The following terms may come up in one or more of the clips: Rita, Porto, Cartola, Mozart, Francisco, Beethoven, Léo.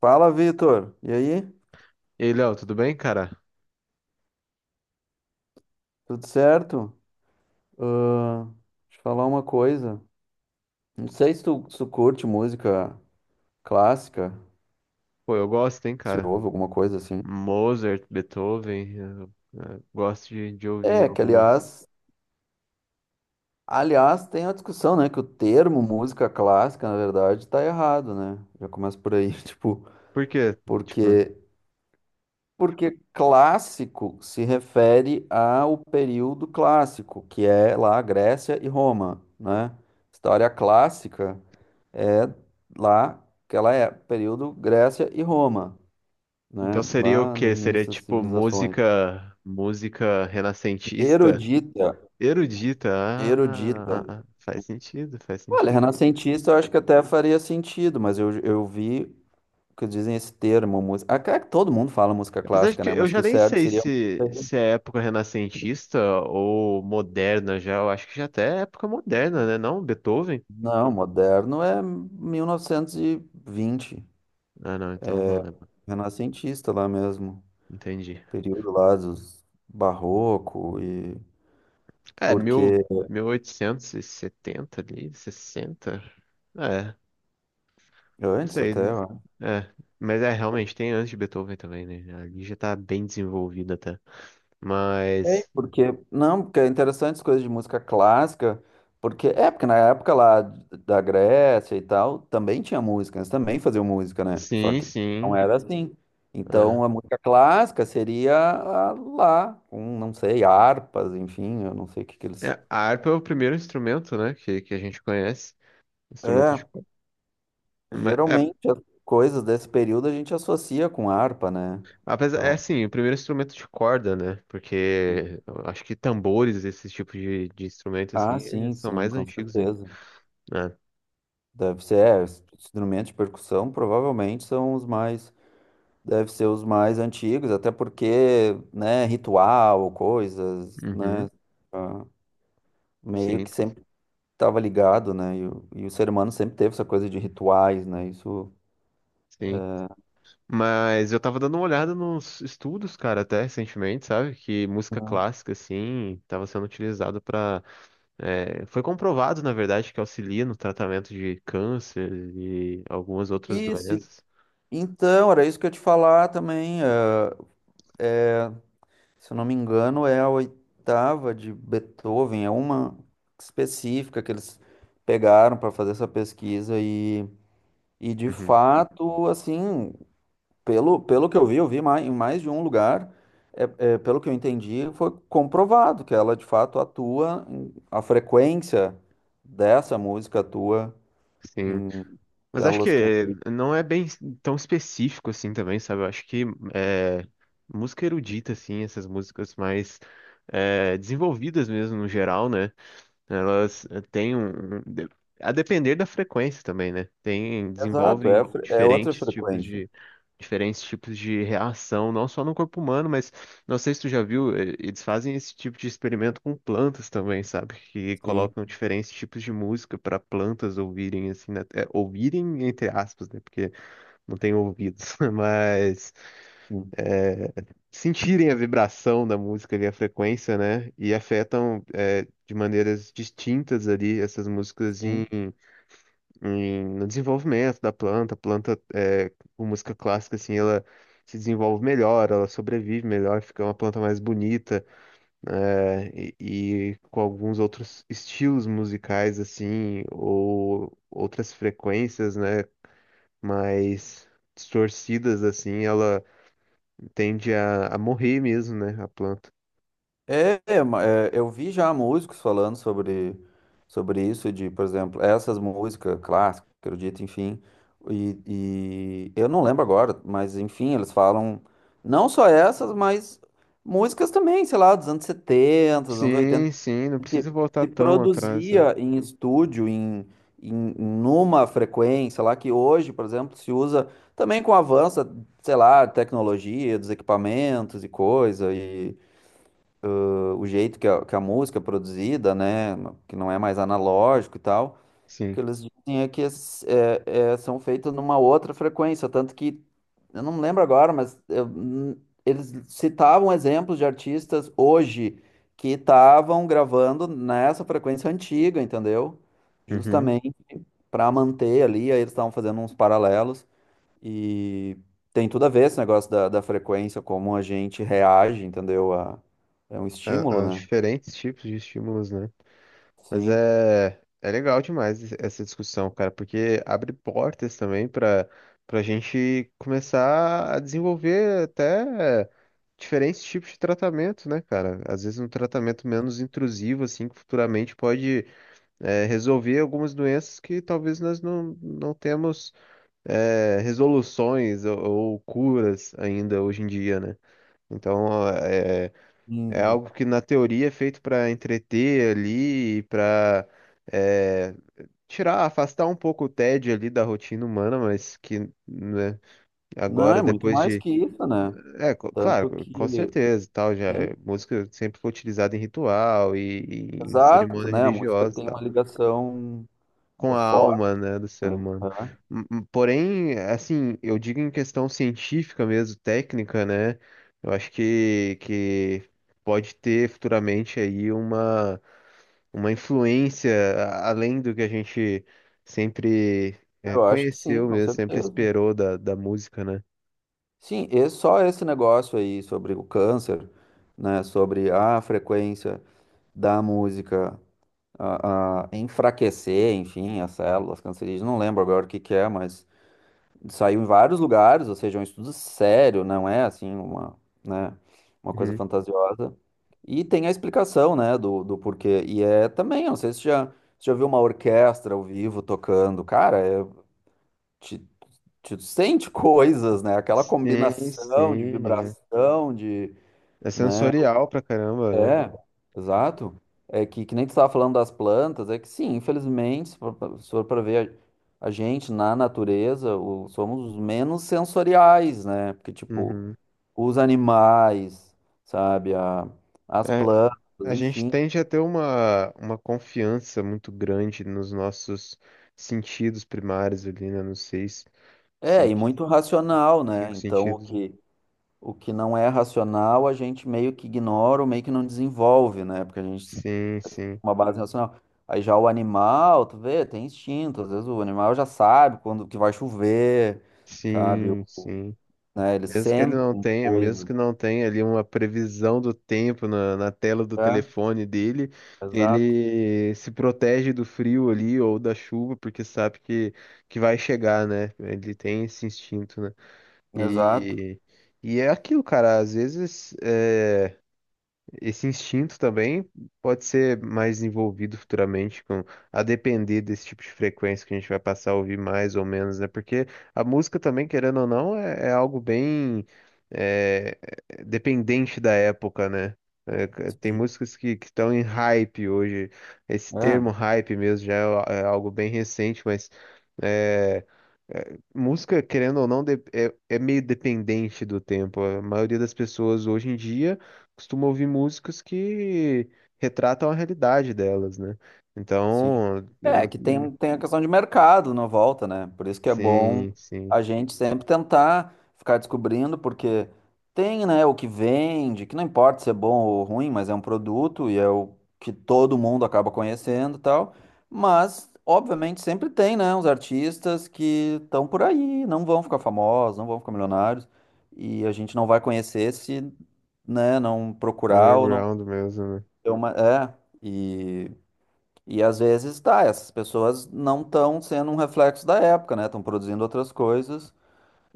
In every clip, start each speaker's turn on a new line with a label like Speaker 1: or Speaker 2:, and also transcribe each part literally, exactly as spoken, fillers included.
Speaker 1: Fala, Vitor. E aí?
Speaker 2: E aí, Léo, tudo bem, cara?
Speaker 1: Tudo certo? Ahn, deixa eu falar uma coisa. Não sei se tu, se tu curte música clássica,
Speaker 2: Pô, eu gosto, hein,
Speaker 1: se
Speaker 2: cara?
Speaker 1: ouve alguma coisa assim.
Speaker 2: Mozart, Beethoven, eu, eu gosto de, de ouvir
Speaker 1: É, que
Speaker 2: algumas.
Speaker 1: aliás, aliás, tem a discussão, né, que o termo música clássica, na verdade, tá errado, né? Já começa por aí, tipo,
Speaker 2: Por quê? Tipo,
Speaker 1: porque porque clássico se refere ao período clássico, que é lá a Grécia e Roma, né? História clássica é lá, aquela é período Grécia e Roma,
Speaker 2: então
Speaker 1: né?
Speaker 2: seria o
Speaker 1: Lá no
Speaker 2: quê? Seria
Speaker 1: início das
Speaker 2: tipo
Speaker 1: civilizações.
Speaker 2: música, música renascentista?
Speaker 1: Erudita,
Speaker 2: Erudita,
Speaker 1: erudita.
Speaker 2: ah, ah, ah, faz sentido, faz
Speaker 1: Olha,
Speaker 2: sentido.
Speaker 1: renascentista eu acho que até faria sentido, mas eu, eu vi que dizem esse termo, música. Ah, cara que todo mundo fala música
Speaker 2: Apesar de
Speaker 1: clássica,
Speaker 2: que
Speaker 1: né?
Speaker 2: eu
Speaker 1: Mas que
Speaker 2: já
Speaker 1: o
Speaker 2: nem
Speaker 1: certo
Speaker 2: sei
Speaker 1: seria.
Speaker 2: se, se é época renascentista ou moderna já, eu acho que já até é época moderna, né? Não, Beethoven?
Speaker 1: Não, moderno é mil novecentos e vinte,
Speaker 2: Ah, não, então não, né?
Speaker 1: renascentista lá mesmo.
Speaker 2: Entendi.
Speaker 1: Período lá dos barroco e.
Speaker 2: É, mil,
Speaker 1: Porque
Speaker 2: mil oitocentos e setenta ali, sessenta. É, não
Speaker 1: antes
Speaker 2: sei,
Speaker 1: até,
Speaker 2: né?
Speaker 1: ó.
Speaker 2: É, mas é, realmente, tem antes de Beethoven também, né? Ali já tá bem desenvolvida até.
Speaker 1: Sei,
Speaker 2: Mas,
Speaker 1: porque, não, porque é interessante as coisas de música clássica, porque é, porque na época lá da Grécia e tal, também tinha música, eles também faziam música, né? Só
Speaker 2: sim,
Speaker 1: que não
Speaker 2: sim.
Speaker 1: era assim.
Speaker 2: É.
Speaker 1: Então a música clássica seria a lá, com, não sei, harpas, enfim, eu não sei o que que eles.
Speaker 2: É, a harpa é o primeiro instrumento, né, que, que a gente conhece. Instrumento
Speaker 1: É,
Speaker 2: de corda. Mas, é,
Speaker 1: geralmente as coisas desse período a gente associa com harpa, né?
Speaker 2: apesar, é
Speaker 1: Então,
Speaker 2: assim, o primeiro instrumento de corda, né? Porque eu acho que tambores, esse tipo de, de instrumento, assim,
Speaker 1: ah,
Speaker 2: eles
Speaker 1: sim,
Speaker 2: são
Speaker 1: sim,
Speaker 2: mais
Speaker 1: com
Speaker 2: antigos ainda.
Speaker 1: certeza.
Speaker 2: Né?
Speaker 1: Deve ser, é, os instrumentos de percussão provavelmente são os mais. Deve ser os mais antigos, até porque, né, ritual, coisas,
Speaker 2: Uhum,
Speaker 1: né, ah, meio
Speaker 2: sim,
Speaker 1: que
Speaker 2: pô,
Speaker 1: sempre estava ligado, né, e o, e o ser humano sempre teve essa coisa de rituais, né, isso...
Speaker 2: sim. Mas eu tava dando uma olhada nos estudos, cara, até recentemente, sabe? Que música
Speaker 1: Uhum.
Speaker 2: clássica, assim, tava sendo utilizada pra. é, Foi comprovado, na verdade, que auxilia no tratamento de câncer e algumas outras
Speaker 1: Isso, e-
Speaker 2: doenças.
Speaker 1: então, era isso que eu ia te falar também, ah, é, se eu não me engano, é a oitava de Beethoven, é uma específica que eles pegaram para fazer essa pesquisa e, e de
Speaker 2: Uhum.
Speaker 1: fato, assim... Pelo, pelo que eu vi, eu vi mais, em mais de um lugar, é, é, pelo que eu entendi, foi comprovado que ela de fato atua, em- a frequência dessa música atua
Speaker 2: Sim.
Speaker 1: em
Speaker 2: Mas acho
Speaker 1: células
Speaker 2: que
Speaker 1: cancerígenas.
Speaker 2: não é bem tão específico assim também, sabe? Eu acho que é, música erudita, assim, essas músicas mais é, desenvolvidas mesmo no geral, né? Elas eh, têm um, um- de- a depender da frequência também, né? Tem,
Speaker 1: Exato, é,
Speaker 2: desenvolvem
Speaker 1: a fre- é outra
Speaker 2: diferentes tipos
Speaker 1: frequência.
Speaker 2: de diferentes tipos de reação, não só no corpo humano, mas não sei se tu já viu, eh, eles fazem esse tipo de experimento com plantas também, sabe? Que
Speaker 1: Sim,
Speaker 2: colocam diferentes tipos de música para plantas ouvirem assim, né? É, ouvirem entre aspas, né? Porque não tem ouvidos, mas
Speaker 1: sim,
Speaker 2: sentirem a vibração da música ali, a frequência, né? E afetam é, de maneiras distintas ali essas músicas em,
Speaker 1: sim.
Speaker 2: em- no desenvolvimento da planta. A planta, é, com música clássica, assim, ela se desenvolve melhor, ela sobrevive melhor, fica uma planta mais bonita, né? E, e com alguns outros estilos musicais, assim, ou outras frequências, né? Mais distorcidas, assim, ela tende a, a morrer mesmo, né? A planta.
Speaker 1: É, é, ma- é, eu vi já músicos falando sobre, sobre isso, de, por exemplo, essas músicas clássicas, erudita, enfim, e, e eu não lembro agora, mas enfim, eles falam não só essas, mas músicas também, sei lá, dos anos setenta dos anos oitenta
Speaker 2: Sim, sim, não
Speaker 1: que
Speaker 2: precisa voltar
Speaker 1: se
Speaker 2: tão atrás, né?
Speaker 1: produzia em estúdio, em, em numa frequência lá que hoje, por exemplo, se usa também com o avanço, sei lá, tecnologia, dos equipamentos e coisa, e o jeito que a, que a música é produzida, né, que não é mais analógico e tal, o
Speaker 2: Sim.
Speaker 1: que eles dizem é que es- é- é- são feitas numa outra frequência, tanto que, eu não lembro agora, mas eu- n- eles citavam exemplos de artistas hoje que estavam gravando nessa frequência antiga, entendeu?
Speaker 2: Uhum.
Speaker 1: Justamente para manter ali, aí eles estavam fazendo uns paralelos e tem tudo a ver esse negócio da, da frequência, como a gente reage, entendeu? A, é um
Speaker 2: A-
Speaker 1: estímulo,
Speaker 2: Aos
Speaker 1: né?
Speaker 2: diferentes tipos de estímulos, né? Mas
Speaker 1: Sim.
Speaker 2: é, é legal demais es- essa discussão, cara, porque abre portas também para para a gente começar a desenvolver até diferentes tipos de tratamento, né, cara? Às vezes um tratamento menos intrusivo, assim, que futuramente pode é, resolver algumas doenças que talvez nós não, não temos é, resoluções ou, ou curas ainda hoje em dia, né? Então é, é
Speaker 1: Hum,
Speaker 2: algo que na teoria é feito para entreter ali, para tirar, afastar um pouco o tédio ali da rotina humana, mas que, né,
Speaker 1: não,
Speaker 2: agora
Speaker 1: é muito
Speaker 2: depois
Speaker 1: mais
Speaker 2: de,
Speaker 1: que isso, né?
Speaker 2: é co-
Speaker 1: Tanto
Speaker 2: claro, com
Speaker 1: que,
Speaker 2: certeza, e tal, já
Speaker 1: sim,
Speaker 2: é, música sempre foi utilizada em ritual e, e em
Speaker 1: exato,
Speaker 2: cerimônia
Speaker 1: né? A música
Speaker 2: religiosa, e
Speaker 1: tem uma
Speaker 2: tal.
Speaker 1: ligação
Speaker 2: Com
Speaker 1: eh,
Speaker 2: a
Speaker 1: forte,
Speaker 2: alma, né, do
Speaker 1: né?
Speaker 2: ser humano.
Speaker 1: Aham.
Speaker 2: M- m- Porém, assim, eu digo em questão científica mesmo, técnica, né? Eu acho que, que pode ter futuramente aí uma, uma, influência a- além do que a gente sempre é,
Speaker 1: Eu acho que sim,
Speaker 2: conheceu
Speaker 1: com
Speaker 2: mesmo, sempre
Speaker 1: certeza.
Speaker 2: esperou da, da música, né?
Speaker 1: Sim, e só esse negócio aí sobre o câncer, né? Sobre a frequência da música a, a enfraquecer, enfim, as células cancerígenas. Não lembro agora o que que é, mas saiu em vários lugares, ou seja, é um estudo sério, não é assim uma, né, uma coisa
Speaker 2: Uhum.
Speaker 1: fantasiosa. E tem a explicação, né, do, do porquê. E é também, eu não sei se já, se já viu uma orquestra ao vivo tocando. Cara, é, te, te sente coisas, né? Aquela
Speaker 2: Sim,
Speaker 1: combinação de
Speaker 2: sim, é.
Speaker 1: vibração, de,
Speaker 2: É
Speaker 1: né?
Speaker 2: sensorial pra caramba, né?
Speaker 1: É, exato. É que, que nem tu estava falando das plantas, é que sim, infelizmente, se for pra se for pra ver a, a gente na natureza, o- somos os menos sensoriais, né? Porque, tipo,
Speaker 2: Uhum.
Speaker 1: os animais, sabe, a- as plantas,
Speaker 2: É, a gente
Speaker 1: enfim.
Speaker 2: tende a ter uma, uma confiança muito grande nos nossos sentidos primários ali, né? Nos seis,
Speaker 1: É, e
Speaker 2: senti-
Speaker 1: muito racional, né?
Speaker 2: cinco
Speaker 1: Então, o
Speaker 2: sentidos.
Speaker 1: que, o que não é racional, a gente meio que ignora ou meio que não desenvolve, né? Porque a gente
Speaker 2: Sim, sim,
Speaker 1: uma base racional. Aí já o animal, tu vê, tem instinto. Às vezes o animal já sabe quando que vai chover, sabe?
Speaker 2: sim,
Speaker 1: O-
Speaker 2: sim.
Speaker 1: né? Eles
Speaker 2: Mesmo que ele não
Speaker 1: sentem
Speaker 2: tenha, mesmo
Speaker 1: coisa.
Speaker 2: que não tenha ali uma previsão do tempo na, na tela do
Speaker 1: É,
Speaker 2: telefone dele,
Speaker 1: exato,
Speaker 2: ele se protege do frio ali ou da chuva, porque sabe que, que vai chegar, né? Ele tem esse instinto, né?
Speaker 1: exato.
Speaker 2: E, e é aquilo, cara. Às vezes é. Esse instinto também pode ser mais envolvido futuramente com a depender desse tipo de frequência que a gente vai passar a ouvir mais ou menos, né? Porque a música também, querendo ou não, é, é algo bem é, é dependente da época, né? É, c- tem
Speaker 1: Sim.
Speaker 2: músicas que que estão em hype hoje. Esse
Speaker 1: É.
Speaker 2: termo hype mesmo já é, a- é algo bem recente, mas é, é, música, querendo ou não, de- é, é meio dependente do tempo. A maioria das pessoas hoje em dia costumo ouvir músicas que retratam a realidade delas, né?
Speaker 1: Sim.
Speaker 2: Então, eu
Speaker 1: É, que
Speaker 2: não-
Speaker 1: tem, tem a questão de mercado na volta, né? Por isso que é bom
Speaker 2: sim, sim,
Speaker 1: a gente sempre tentar ficar descobrindo, porque tem, né, o que vende, que não importa se é bom ou ruim, mas é um produto e é o que todo mundo acaba conhecendo e tal. Mas, obviamente, sempre tem, né, uns artistas que estão por aí, não vão ficar famosos, não vão ficar milionários, e a gente não vai conhecer se, né, não procurar ou não
Speaker 2: underground mesmo, né?
Speaker 1: ter uma. É, e às vezes tá, essas pessoas não estão sendo um reflexo da época, né? Estão produzindo outras coisas.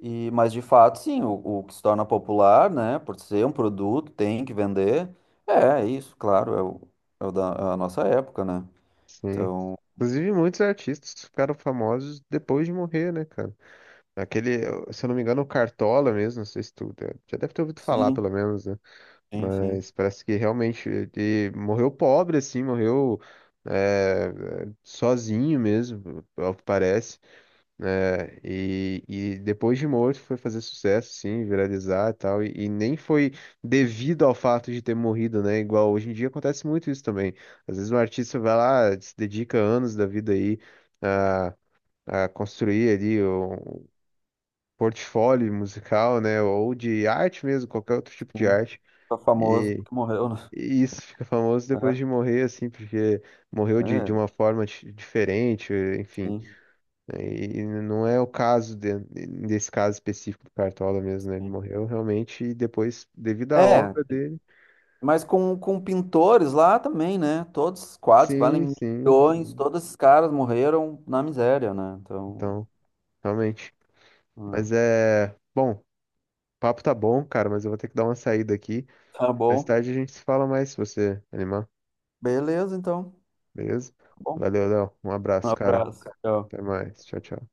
Speaker 1: E, mas de fato, sim, o, o que se torna popular, né? Por ser um produto, tem que vender. É, é isso, claro, é o, é o da é a nossa época, né?
Speaker 2: Sim.
Speaker 1: Então,
Speaker 2: Inclusive, muitos artistas ficaram famosos depois de morrer, né, cara? Aquele, se eu não me engano, o Cartola mesmo, não sei se tu já deve ter ouvido falar,
Speaker 1: sim,
Speaker 2: pelo menos, né?
Speaker 1: sim, sim,
Speaker 2: Mas parece que realmente ele morreu pobre, assim, morreu eh, sozinho mesmo, ao que parece. Né, e, e depois de morto foi fazer sucesso, sim, viralizar e tal. E, e nem foi devido ao fato de ter morrido, né? Igual hoje em dia acontece muito isso também. Às vezes um artista vai lá, se dedica anos da vida aí a, a construir ali um portfólio musical, né? Ou de arte mesmo, qualquer outro tipo de
Speaker 1: sim.
Speaker 2: arte.
Speaker 1: Tá famoso
Speaker 2: E,
Speaker 1: porque morreu, né?
Speaker 2: e isso fica famoso depois de morrer, assim, porque
Speaker 1: É,
Speaker 2: morreu de, de
Speaker 1: é,
Speaker 2: uma forma di- diferente, enfim.
Speaker 1: sim,
Speaker 2: E não é o caso de- desse caso específico do Cartola mesmo, né? Ele
Speaker 1: sim.
Speaker 2: morreu realmente e depois, devido à
Speaker 1: É,
Speaker 2: obra dele.
Speaker 1: mas com, com pintores lá também, né? Todos os quadros que
Speaker 2: Sim,
Speaker 1: valem
Speaker 2: sim,
Speaker 1: milhões,
Speaker 2: sim.
Speaker 1: todos esses caras morreram na miséria, né? Então.
Speaker 2: Então, realmente.
Speaker 1: Ah,
Speaker 2: Mas é. Bom, o papo tá bom, cara, mas eu vou ter que dar uma saída aqui.
Speaker 1: tá
Speaker 2: Mais
Speaker 1: bom.
Speaker 2: tarde a gente se fala mais se você animar,
Speaker 1: Beleza, então.
Speaker 2: beleza?
Speaker 1: Tá bom.
Speaker 2: Valeu, Léo. Um
Speaker 1: Um
Speaker 2: abraço, cara.
Speaker 1: abraço. Tchau.
Speaker 2: Até mais. Tchau, tchau.